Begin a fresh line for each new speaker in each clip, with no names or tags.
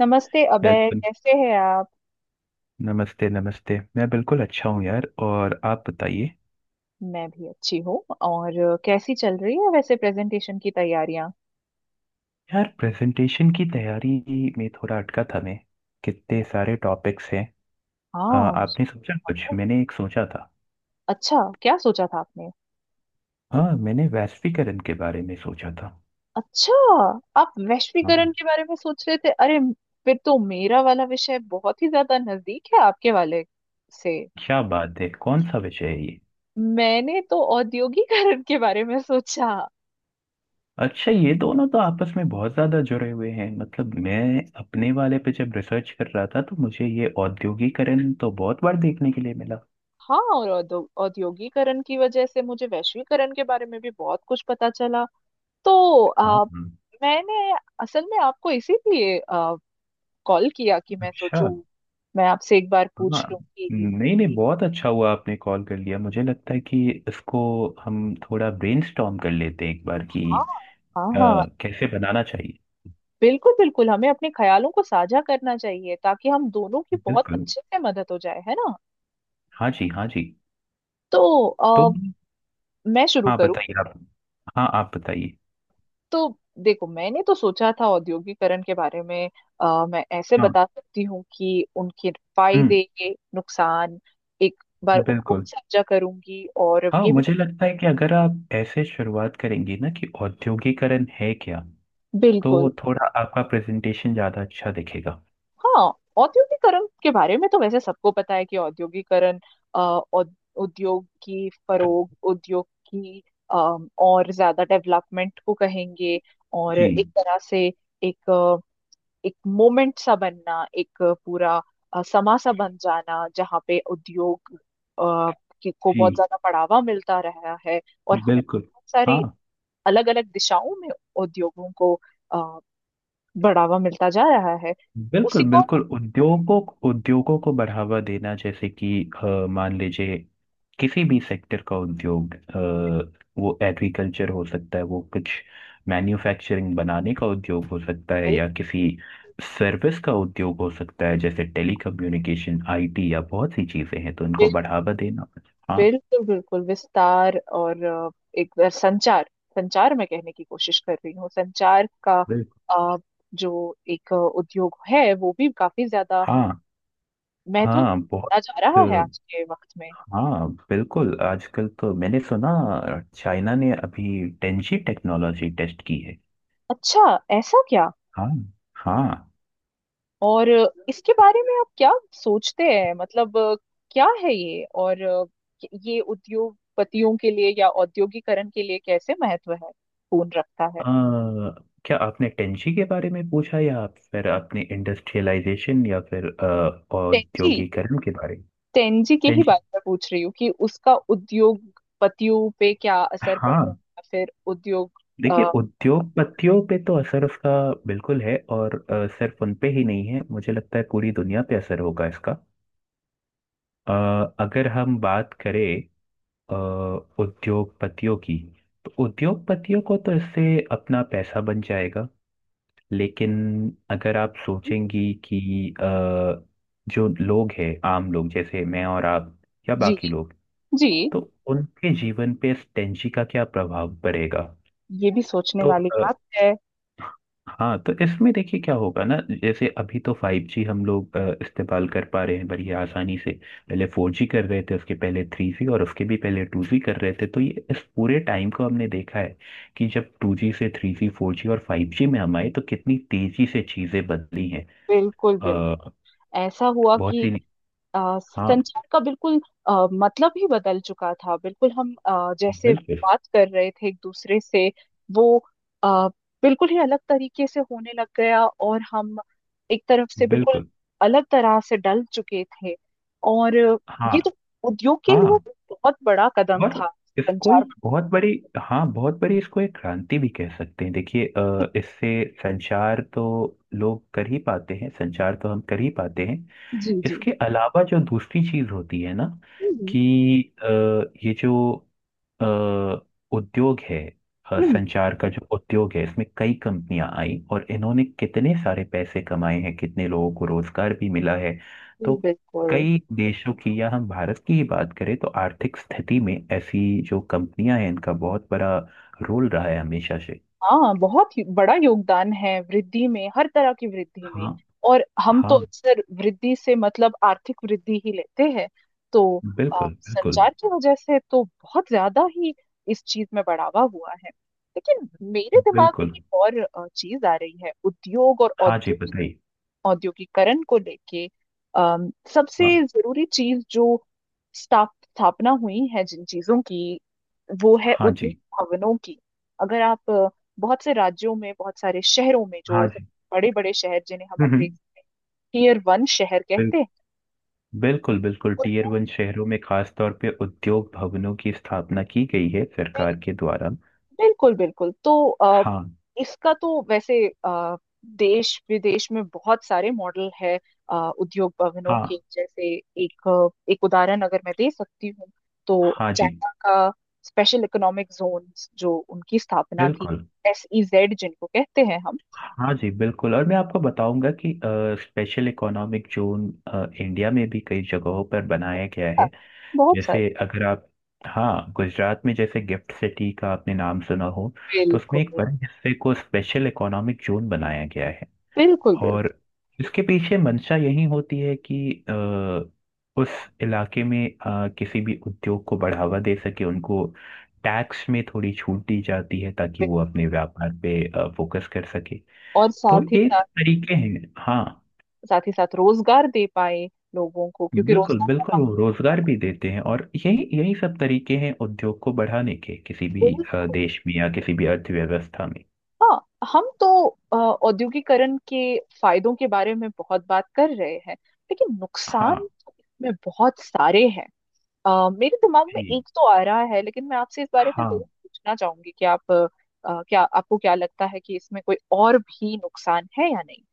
नमस्ते अबे,
हेलो।
कैसे हैं आप।
नमस्ते नमस्ते, मैं बिल्कुल अच्छा हूँ यार, और आप बताइए।
मैं भी अच्छी हूँ। और कैसी चल रही है वैसे प्रेजेंटेशन की तैयारियां।
यार, प्रेजेंटेशन की तैयारी में थोड़ा अटका था मैं। कितने सारे टॉपिक्स हैं।
हाँ।
आपने सोचा कुछ?
ओ,
मैंने एक सोचा था।
अच्छा। क्या सोचा था आपने।
हाँ, मैंने वैश्वीकरण के बारे में सोचा था।
अच्छा, आप वैश्वीकरण
हाँ।
के बारे में सोच रहे थे। अरे, फिर तो मेरा वाला विषय बहुत ही ज्यादा नजदीक है आपके वाले से।
क्या बात है, कौन सा विषय है ये?
मैंने तो औद्योगिकरण के बारे में सोचा।
अच्छा, ये दोनों तो आपस में बहुत ज्यादा जुड़े हुए हैं। मतलब मैं अपने वाले पे जब रिसर्च कर रहा था तो मुझे ये औद्योगिकरण तो बहुत बार देखने के लिए मिला।
हाँ, और औद्योगिकरण की वजह से मुझे वैश्वीकरण के बारे में भी बहुत कुछ पता चला। तो
हाँ।
मैंने असल में आपको इसीलिए कॉल किया कि मैं
अच्छा।
सोचूं, मैं आपसे एक बार
हाँ।
पूछ लूं कि।
नहीं नहीं, बहुत अच्छा हुआ आपने कॉल कर लिया। मुझे लगता है कि इसको हम थोड़ा ब्रेनस्टॉर्म कर लेते हैं एक बार कि
हाँ हाँ
अ,
हाँ,
कैसे बनाना चाहिए।
बिल्कुल बिल्कुल। हमें अपने ख्यालों को साझा करना चाहिए ताकि हम दोनों की बहुत
बिल्कुल।
अच्छे से मदद हो जाए, है ना।
हाँ जी, हाँ जी।
तो
तो
आ, मैं शुरू
हाँ,
करूं।
बताइए आप। हाँ, आप बताइए।
तो देखो, मैंने तो सोचा था औद्योगिकरण के बारे में। मैं ऐसे
हाँ।
बता सकती हूँ कि उनके
हम्म।
फायदे, नुकसान एक बार उनको भी
बिल्कुल।
साझा करूंगी, और
हाँ,
ये भी।
मुझे लगता है कि अगर आप ऐसे शुरुआत करेंगे ना कि औद्योगिकरण है क्या, तो
बिल्कुल।
थोड़ा आपका प्रेजेंटेशन ज़्यादा अच्छा दिखेगा।
हाँ, औद्योगिकरण के बारे में तो वैसे सबको पता है कि औद्योगिकरण अ, औ- उद्योग की फरोग, उद्योग की और ज्यादा डेवलपमेंट को कहेंगे। और
जी।
एक तरह से एक एक मोमेंट सा बनना, एक पूरा समा सा बन जाना जहाँ पे उद्योग अ, की को बहुत
जी।
ज्यादा बढ़ावा मिलता रहा है। और
बिल्कुल।
बहुत सारी
हाँ।
अलग अलग दिशाओं में उद्योगों को अ, बढ़ावा मिलता जा रहा है उसी
बिल्कुल
को।
बिल्कुल, उद्योगों, उद्योगों को बढ़ावा देना, जैसे कि मान लीजिए किसी भी सेक्टर का उद्योग, वो एग्रीकल्चर हो सकता है, वो कुछ मैन्युफैक्चरिंग बनाने का उद्योग हो सकता है, या किसी सर्विस का उद्योग हो सकता है, जैसे टेलीकम्युनिकेशन आईटी, या बहुत सी चीजें हैं, तो उनको बढ़ावा देना। हाँ।
बिल्कुल बिल्कुल, विस्तार और एक बार संचार, संचार मैं कहने की कोशिश कर रही हूँ, संचार का
बिल्कुल।
अ, जो एक उद्योग है वो भी काफी ज्यादा
हाँ।
महत्व
हाँ
दिया
बहुत।
जा रहा है आज के वक्त में।
हाँ बिल्कुल, आजकल तो मैंने सुना चाइना ने अभी टेंजी टेक्नोलॉजी टेस्ट की है।
अच्छा, ऐसा क्या।
हाँ। हाँ।
और इसके बारे में आप क्या सोचते हैं, मतलब क्या है ये, और ये उद्योगपतियों के लिए या औद्योगिकरण के लिए कैसे महत्व है पूर्ण रखता है।
अ, क्या आपने टेंजी के बारे में पूछा, या आप फिर आपने इंडस्ट्रियलाइजेशन, या फिर
टेक
औद्योगिकरण के बारे में?
तेनजी के ही
टेंजी।
बारे में पूछ रही हूँ कि उसका उद्योगपतियों पे क्या असर पड़ रहा
हाँ।
है, फिर उद्योग। अ,
देखिए, उद्योगपतियों पे तो असर उसका बिल्कुल है, और सिर्फ उन पे ही नहीं है, मुझे लगता है पूरी दुनिया पे असर होगा इसका। अ, अगर हम बात करें अ, उद्योगपतियों की, तो उद्योगपतियों को तो इससे अपना पैसा बन जाएगा। लेकिन अगर आप सोचेंगी कि अ, जो लोग हैं आम लोग, जैसे मैं और आप, या
जी
बाकी लोग,
जी,
तो उनके जीवन पे इस टेंशी का क्या प्रभाव पड़ेगा?
ये भी सोचने
तो
वाली बात है।
हाँ, तो इसमें देखिए क्या होगा ना, जैसे अभी तो फाइव जी हम लोग इस्तेमाल कर पा रहे हैं बड़ी आसानी से। पहले फोर जी कर रहे थे, उसके पहले थ्री जी, और उसके भी पहले टू जी कर रहे थे। तो ये इस पूरे टाइम को हमने देखा है कि जब टू जी से थ्री जी, फोर जी और फाइव जी में हम आए, तो कितनी तेजी से चीजें बदली हैं।
बिल्कुल बिल्कुल।
अ,
ऐसा हुआ
बहुत
कि
ही। हाँ।
संचार का बिल्कुल मतलब ही बदल चुका था। बिल्कुल हम जैसे
बिल्कुल
बात कर रहे थे एक दूसरे से, वो आ, बिल्कुल ही अलग तरीके से होने लग गया। और हम एक तरफ से बिल्कुल
बिल्कुल।
अलग तरह से डल चुके थे। और
हाँ।
ये तो उद्योग के लिए
हाँ,
भी बहुत बड़ा कदम
और
था,
इसको एक
संचार।
बहुत बड़ी, हाँ बहुत बड़ी, इसको एक क्रांति भी कह सकते हैं। देखिए इससे संचार तो लोग कर ही पाते हैं, संचार तो हम कर ही पाते हैं।
जी जी।
इसके अलावा जो दूसरी चीज होती है ना
हम्म
कि अ, ये जो अ, उद्योग है,
हम्म,
संचार का जो उद्योग है, इसमें कई कंपनियां आई और इन्होंने कितने सारे पैसे कमाए हैं, कितने लोगों को रोजगार भी मिला है। तो
जी, बिल्कुल।
कई देशों की, या हम भारत की ही बात करें, तो आर्थिक स्थिति में ऐसी जो कंपनियां हैं, इनका बहुत बड़ा रोल रहा है हमेशा से।
हाँ, बहुत ही बड़ा योगदान है वृद्धि में, हर तरह की वृद्धि में।
हाँ।
और हम तो
हाँ।
अक्सर वृद्धि से मतलब आर्थिक वृद्धि ही लेते हैं। तो
बिल्कुल बिल्कुल।
संचार की वजह से तो बहुत ज्यादा ही इस चीज में बढ़ावा हुआ है। लेकिन मेरे दिमाग में
बिल्कुल।
एक और चीज आ रही है, उद्योग और
हाँ जी, बताइए।
औद्योगिकरण को लेके। सबसे
हाँ।
जरूरी चीज जो स्थापना हुई है जिन चीजों की वो है
हाँ
उद्योग
जी।
भवनों की। अगर आप बहुत से राज्यों में, बहुत सारे शहरों में जो
हाँ जी।
बड़े बड़े शहर जिन्हें हम
हम्म।
अंग्रेजी में टीयर वन शहर
बिल,
कहते हैं,
बिल्कुल बिल्कुल,
तो
टीयर वन शहरों में खास तौर पे उद्योग भवनों की स्थापना की गई है सरकार के द्वारा।
बिल्कुल बिल्कुल। तो
हाँ।
इसका तो वैसे देश विदेश में बहुत सारे मॉडल है उद्योग भवनों के।
हाँ।
जैसे एक एक उदाहरण अगर मैं दे सकती हूँ तो
हाँ जी।
चाइना का स्पेशल इकोनॉमिक जोन, जो उनकी स्थापना थी,
बिल्कुल।
एसईजेड जिनको कहते हैं हम।
हाँ जी बिल्कुल, और मैं आपको बताऊंगा कि स्पेशल इकोनॉमिक जोन इंडिया में भी कई जगहों पर बनाया गया है।
बहुत सारे।
जैसे अगर आप, हाँ गुजरात में जैसे गिफ्ट सिटी का आपने नाम सुना हो, तो उसमें एक
बिल्कुल
बड़े हिस्से को स्पेशल इकोनॉमिक जोन बनाया गया है।
बिल्कुल। बिल्कुल
और इसके पीछे मंशा यही होती है कि अ, उस इलाके में किसी भी उद्योग को बढ़ावा दे सके। उनको टैक्स में थोड़ी छूट दी जाती है ताकि वो
बिल्कुल।
अपने व्यापार पे फोकस कर सके।
और
तो
साथ ही
ये
साथ,
सब तरीके हैं। हाँ।
साथ ही साथ रोजगार दे पाए लोगों को, क्योंकि
बिल्कुल बिल्कुल,
रोजगार
वो रोजगार भी देते हैं, और यही यही सब तरीके हैं उद्योग को बढ़ाने के, किसी भी
का।
देश में या किसी भी अर्थव्यवस्था में।
हाँ, हम तो औद्योगिकरण के फायदों के बारे में बहुत बात कर रहे हैं, लेकिन नुकसान
हाँ
में बहुत सारे हैं। मेरे दिमाग में
जी।
एक तो आ रहा है, लेकिन मैं आपसे इस बारे में जरूर
हाँ।
पूछना चाहूंगी कि आप क्या, आपको क्या लगता है कि इसमें कोई और भी नुकसान है या नहीं।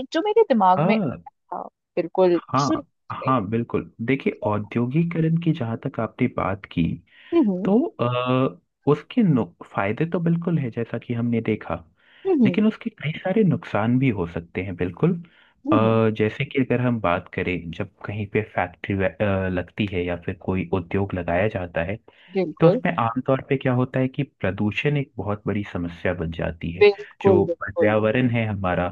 एक जो मेरे दिमाग में
हाँ।
अ, बिल्कुल शुरू
हाँ।
में।
हाँ बिल्कुल, देखिए औद्योगिकरण की जहाँ तक आपने बात की,
हम्म
तो अ, उसके फायदे तो बिल्कुल है जैसा कि हमने देखा,
हम्म
लेकिन उसके कई सारे नुकसान भी हो सकते हैं बिल्कुल।
हम्म हम्म,
जैसे कि अगर हम बात करें, जब कहीं पे फैक्ट्री लगती है या फिर कोई उद्योग लगाया जाता है, तो
बिल्कुल
उसमें आमतौर पे क्या होता है कि प्रदूषण एक बहुत बड़ी समस्या बन जाती है।
बिल्कुल
जो
बिल्कुल।
पर्यावरण है हमारा,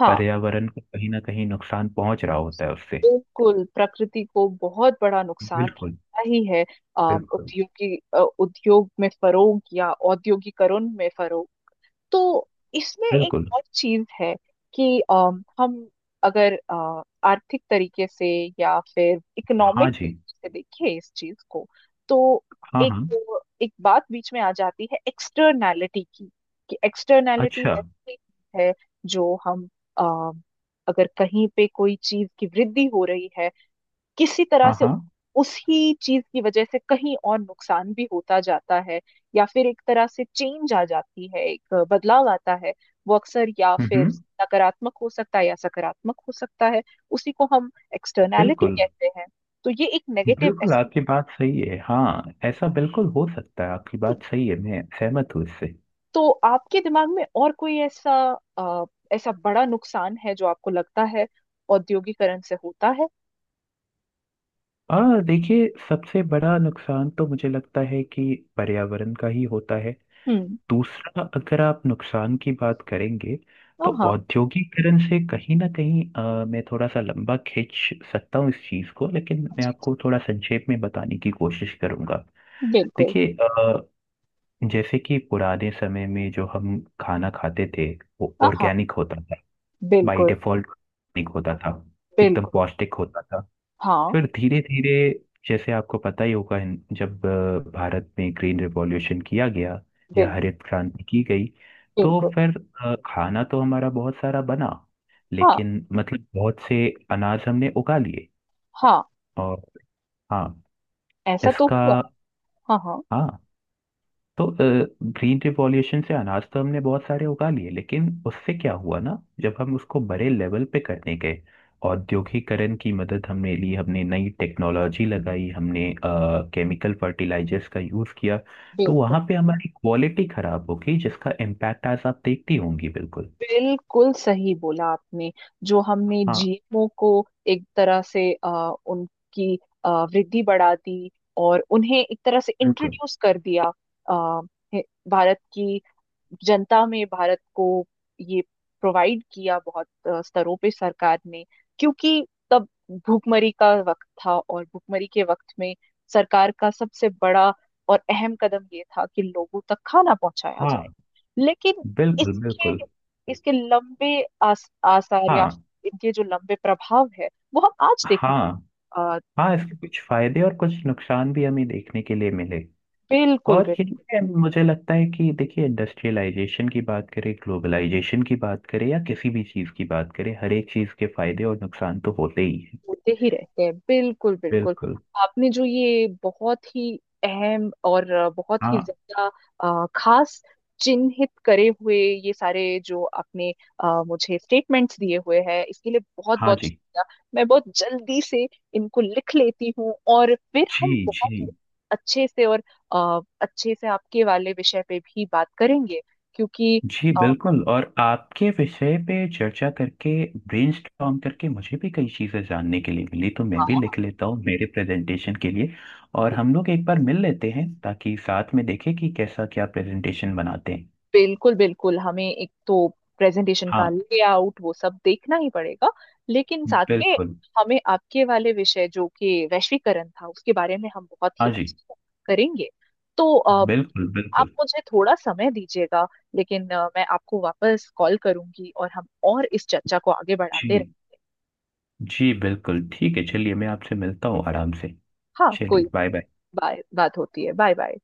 हाँ,
पर्यावरण को कहीं ना कहीं नुकसान पहुंच रहा होता है उससे।
बिल्कुल प्रकृति को बहुत बड़ा नुकसान
बिल्कुल।
रहता ही है।
बिल्कुल।
उद्योग की उद्योग में फरोग या औद्योगिकरण में फरोग। तो इसमें एक
बिल्कुल।
और चीज है कि हम अगर आर्थिक तरीके से या फिर
हाँ
इकोनॉमिक
जी।
तरीके से देखें इस चीज को, तो
हाँ।
एक
हाँ।
एक बात बीच में आ जाती है, एक्सटर्नैलिटी की। कि एक्सटर्नैलिटी
अच्छा।
वैसी एक चीज है जो हम अ, अगर कहीं पे कोई चीज की वृद्धि हो रही है किसी तरह
हाँ।
से,
हाँ।
उसी चीज की वजह से कहीं और नुकसान भी होता जाता है, या फिर एक तरह से चेंज आ जाती है, एक बदलाव आता है। वो अक्सर या
हम्म
फिर
हम्म,
नकारात्मक हो सकता है या सकारात्मक हो सकता है। उसी को हम एक्सटर्नैलिटी
बिल्कुल
कहते हैं। तो ये एक नेगेटिव
बिल्कुल,
एस्पेक्ट।
आपकी बात सही है, हाँ ऐसा बिल्कुल हो सकता है, आपकी बात सही है, मैं सहमत हूँ इससे।
तो आपके दिमाग में और कोई ऐसा अ, ऐसा बड़ा नुकसान है जो आपको लगता है औद्योगिकरण से होता है।
और देखिए, सबसे बड़ा नुकसान तो मुझे लगता है कि पर्यावरण का ही होता है।
हम्म।
दूसरा, अगर आप नुकसान की बात करेंगे, तो
हाँ हाँ,
औद्योगिकरण से कहीं ना कहीं, मैं थोड़ा सा लंबा खींच सकता हूँ इस चीज़ को, लेकिन मैं
जी
आपको थोड़ा संक्षेप में बताने की कोशिश करूंगा।
बिल्कुल।
देखिए जैसे कि पुराने समय में जो हम खाना खाते थे, वो
हाँ हाँ,
ऑर्गेनिक होता था, बाय
बिल्कुल
डिफॉल्ट ऑर्गेनिक होता था, एकदम
बिल्कुल।
पौष्टिक होता था।
हाँ,
फिर धीरे धीरे, जैसे आपको पता ही होगा, जब भारत में ग्रीन रिवॉल्यूशन किया गया, या
बिल्कुल
हरित क्रांति की गई, तो
बिल्कुल।
फिर खाना तो हमारा बहुत सारा बना,
हाँ
लेकिन मतलब बहुत से अनाज हमने उगा लिए,
हाँ,
और हाँ
ऐसा तो
इसका,
हुआ। हाँ हाँ।
हाँ। तो ग्रीन रिवॉल्यूशन से अनाज तो हमने बहुत सारे उगा लिए, लेकिन उससे क्या हुआ ना, जब हम उसको बड़े लेवल पे करने गए, औद्योगिकरण की मदद हमने ली, हमने नई टेक्नोलॉजी लगाई, हमने केमिकल फर्टिलाइजर्स का यूज किया, तो
बिल्कुल,
वहां पे हमारी क्वालिटी खराब हो गई, जिसका इम्पैक्ट आज आप देखती होंगी बिल्कुल।
बिल्कुल सही बोला आपने। जो हमने
हाँ।
जीएमओ को एक तरह से उनकी वृद्धि बढ़ा दी और उन्हें एक तरह से
बिल्कुल।
इंट्रोड्यूस कर दिया आ, भारत की जनता में, भारत को ये प्रोवाइड किया बहुत स्तरों पे सरकार ने, क्योंकि तब भुखमरी का वक्त था, और भुखमरी के वक्त में सरकार का सबसे बड़ा और अहम कदम ये था कि लोगों तक खाना पहुंचाया जाए।
हाँ।
लेकिन
बिल्कुल।
इसके,
बिल्कुल।
इसके लंबे आसार या
हाँ।
इनके जो लंबे प्रभाव है, वो हम आज देखने
हाँ।
अ,
हाँ, इसके कुछ फायदे और कुछ नुकसान भी हमें देखने के लिए मिले।
बिल्कुल।
और ये मुझे लगता है कि, देखिए इंडस्ट्रियलाइजेशन की बात करें, ग्लोबलाइजेशन की बात करें, या किसी भी चीज़ की बात करें, हर एक चीज़ के फायदे और नुकसान तो होते ही हैं।
मुझे ही रहते हैं, बिल्कुल बिल्कुल।
बिल्कुल।
आपने जो ये बहुत ही अहम और बहुत ही
हाँ।
ज्यादा खास चिन्हित करे हुए ये सारे जो आपने मुझे स्टेटमेंट्स दिए हुए हैं, इसके लिए बहुत
हाँ।
बहुत
जी।
शुक्रिया। मैं बहुत जल्दी से इनको लिख लेती हूँ और फिर
जी।
हम
जी
बहुत ही अच्छे से और अच्छे से आपके वाले विषय पे भी बात करेंगे, क्योंकि
जी
अ,
बिल्कुल, और आपके विषय पे चर्चा करके, ब्रेनस्टॉर्म करके मुझे भी कई चीज़ें जानने के लिए मिली, तो मैं भी
हाँ,
लिख लेता हूँ मेरे प्रेजेंटेशन के लिए। और हम लोग एक बार मिल लेते हैं ताकि साथ में देखें कि कैसा क्या प्रेजेंटेशन बनाते हैं।
बिल्कुल बिल्कुल। हमें एक तो प्रेजेंटेशन का
हाँ।
लेआउट वो सब देखना ही पड़ेगा, लेकिन साथ में
बिल्कुल।
हमें आपके वाले विषय जो कि वैश्वीकरण था, उसके बारे में हम बहुत ही
हाँ
अच्छे
जी।
से करेंगे। तो
बिल्कुल
आप
बिल्कुल।
मुझे थोड़ा समय दीजिएगा, लेकिन मैं आपको वापस कॉल करूंगी और हम और इस चर्चा को आगे बढ़ाते
जी।
रहें।
जी बिल्कुल ठीक है, चलिए मैं आपसे मिलता हूँ आराम से।
हाँ,
चलिए,
कोई,
बाय बाय।
बाय, बात होती है। Bye bye.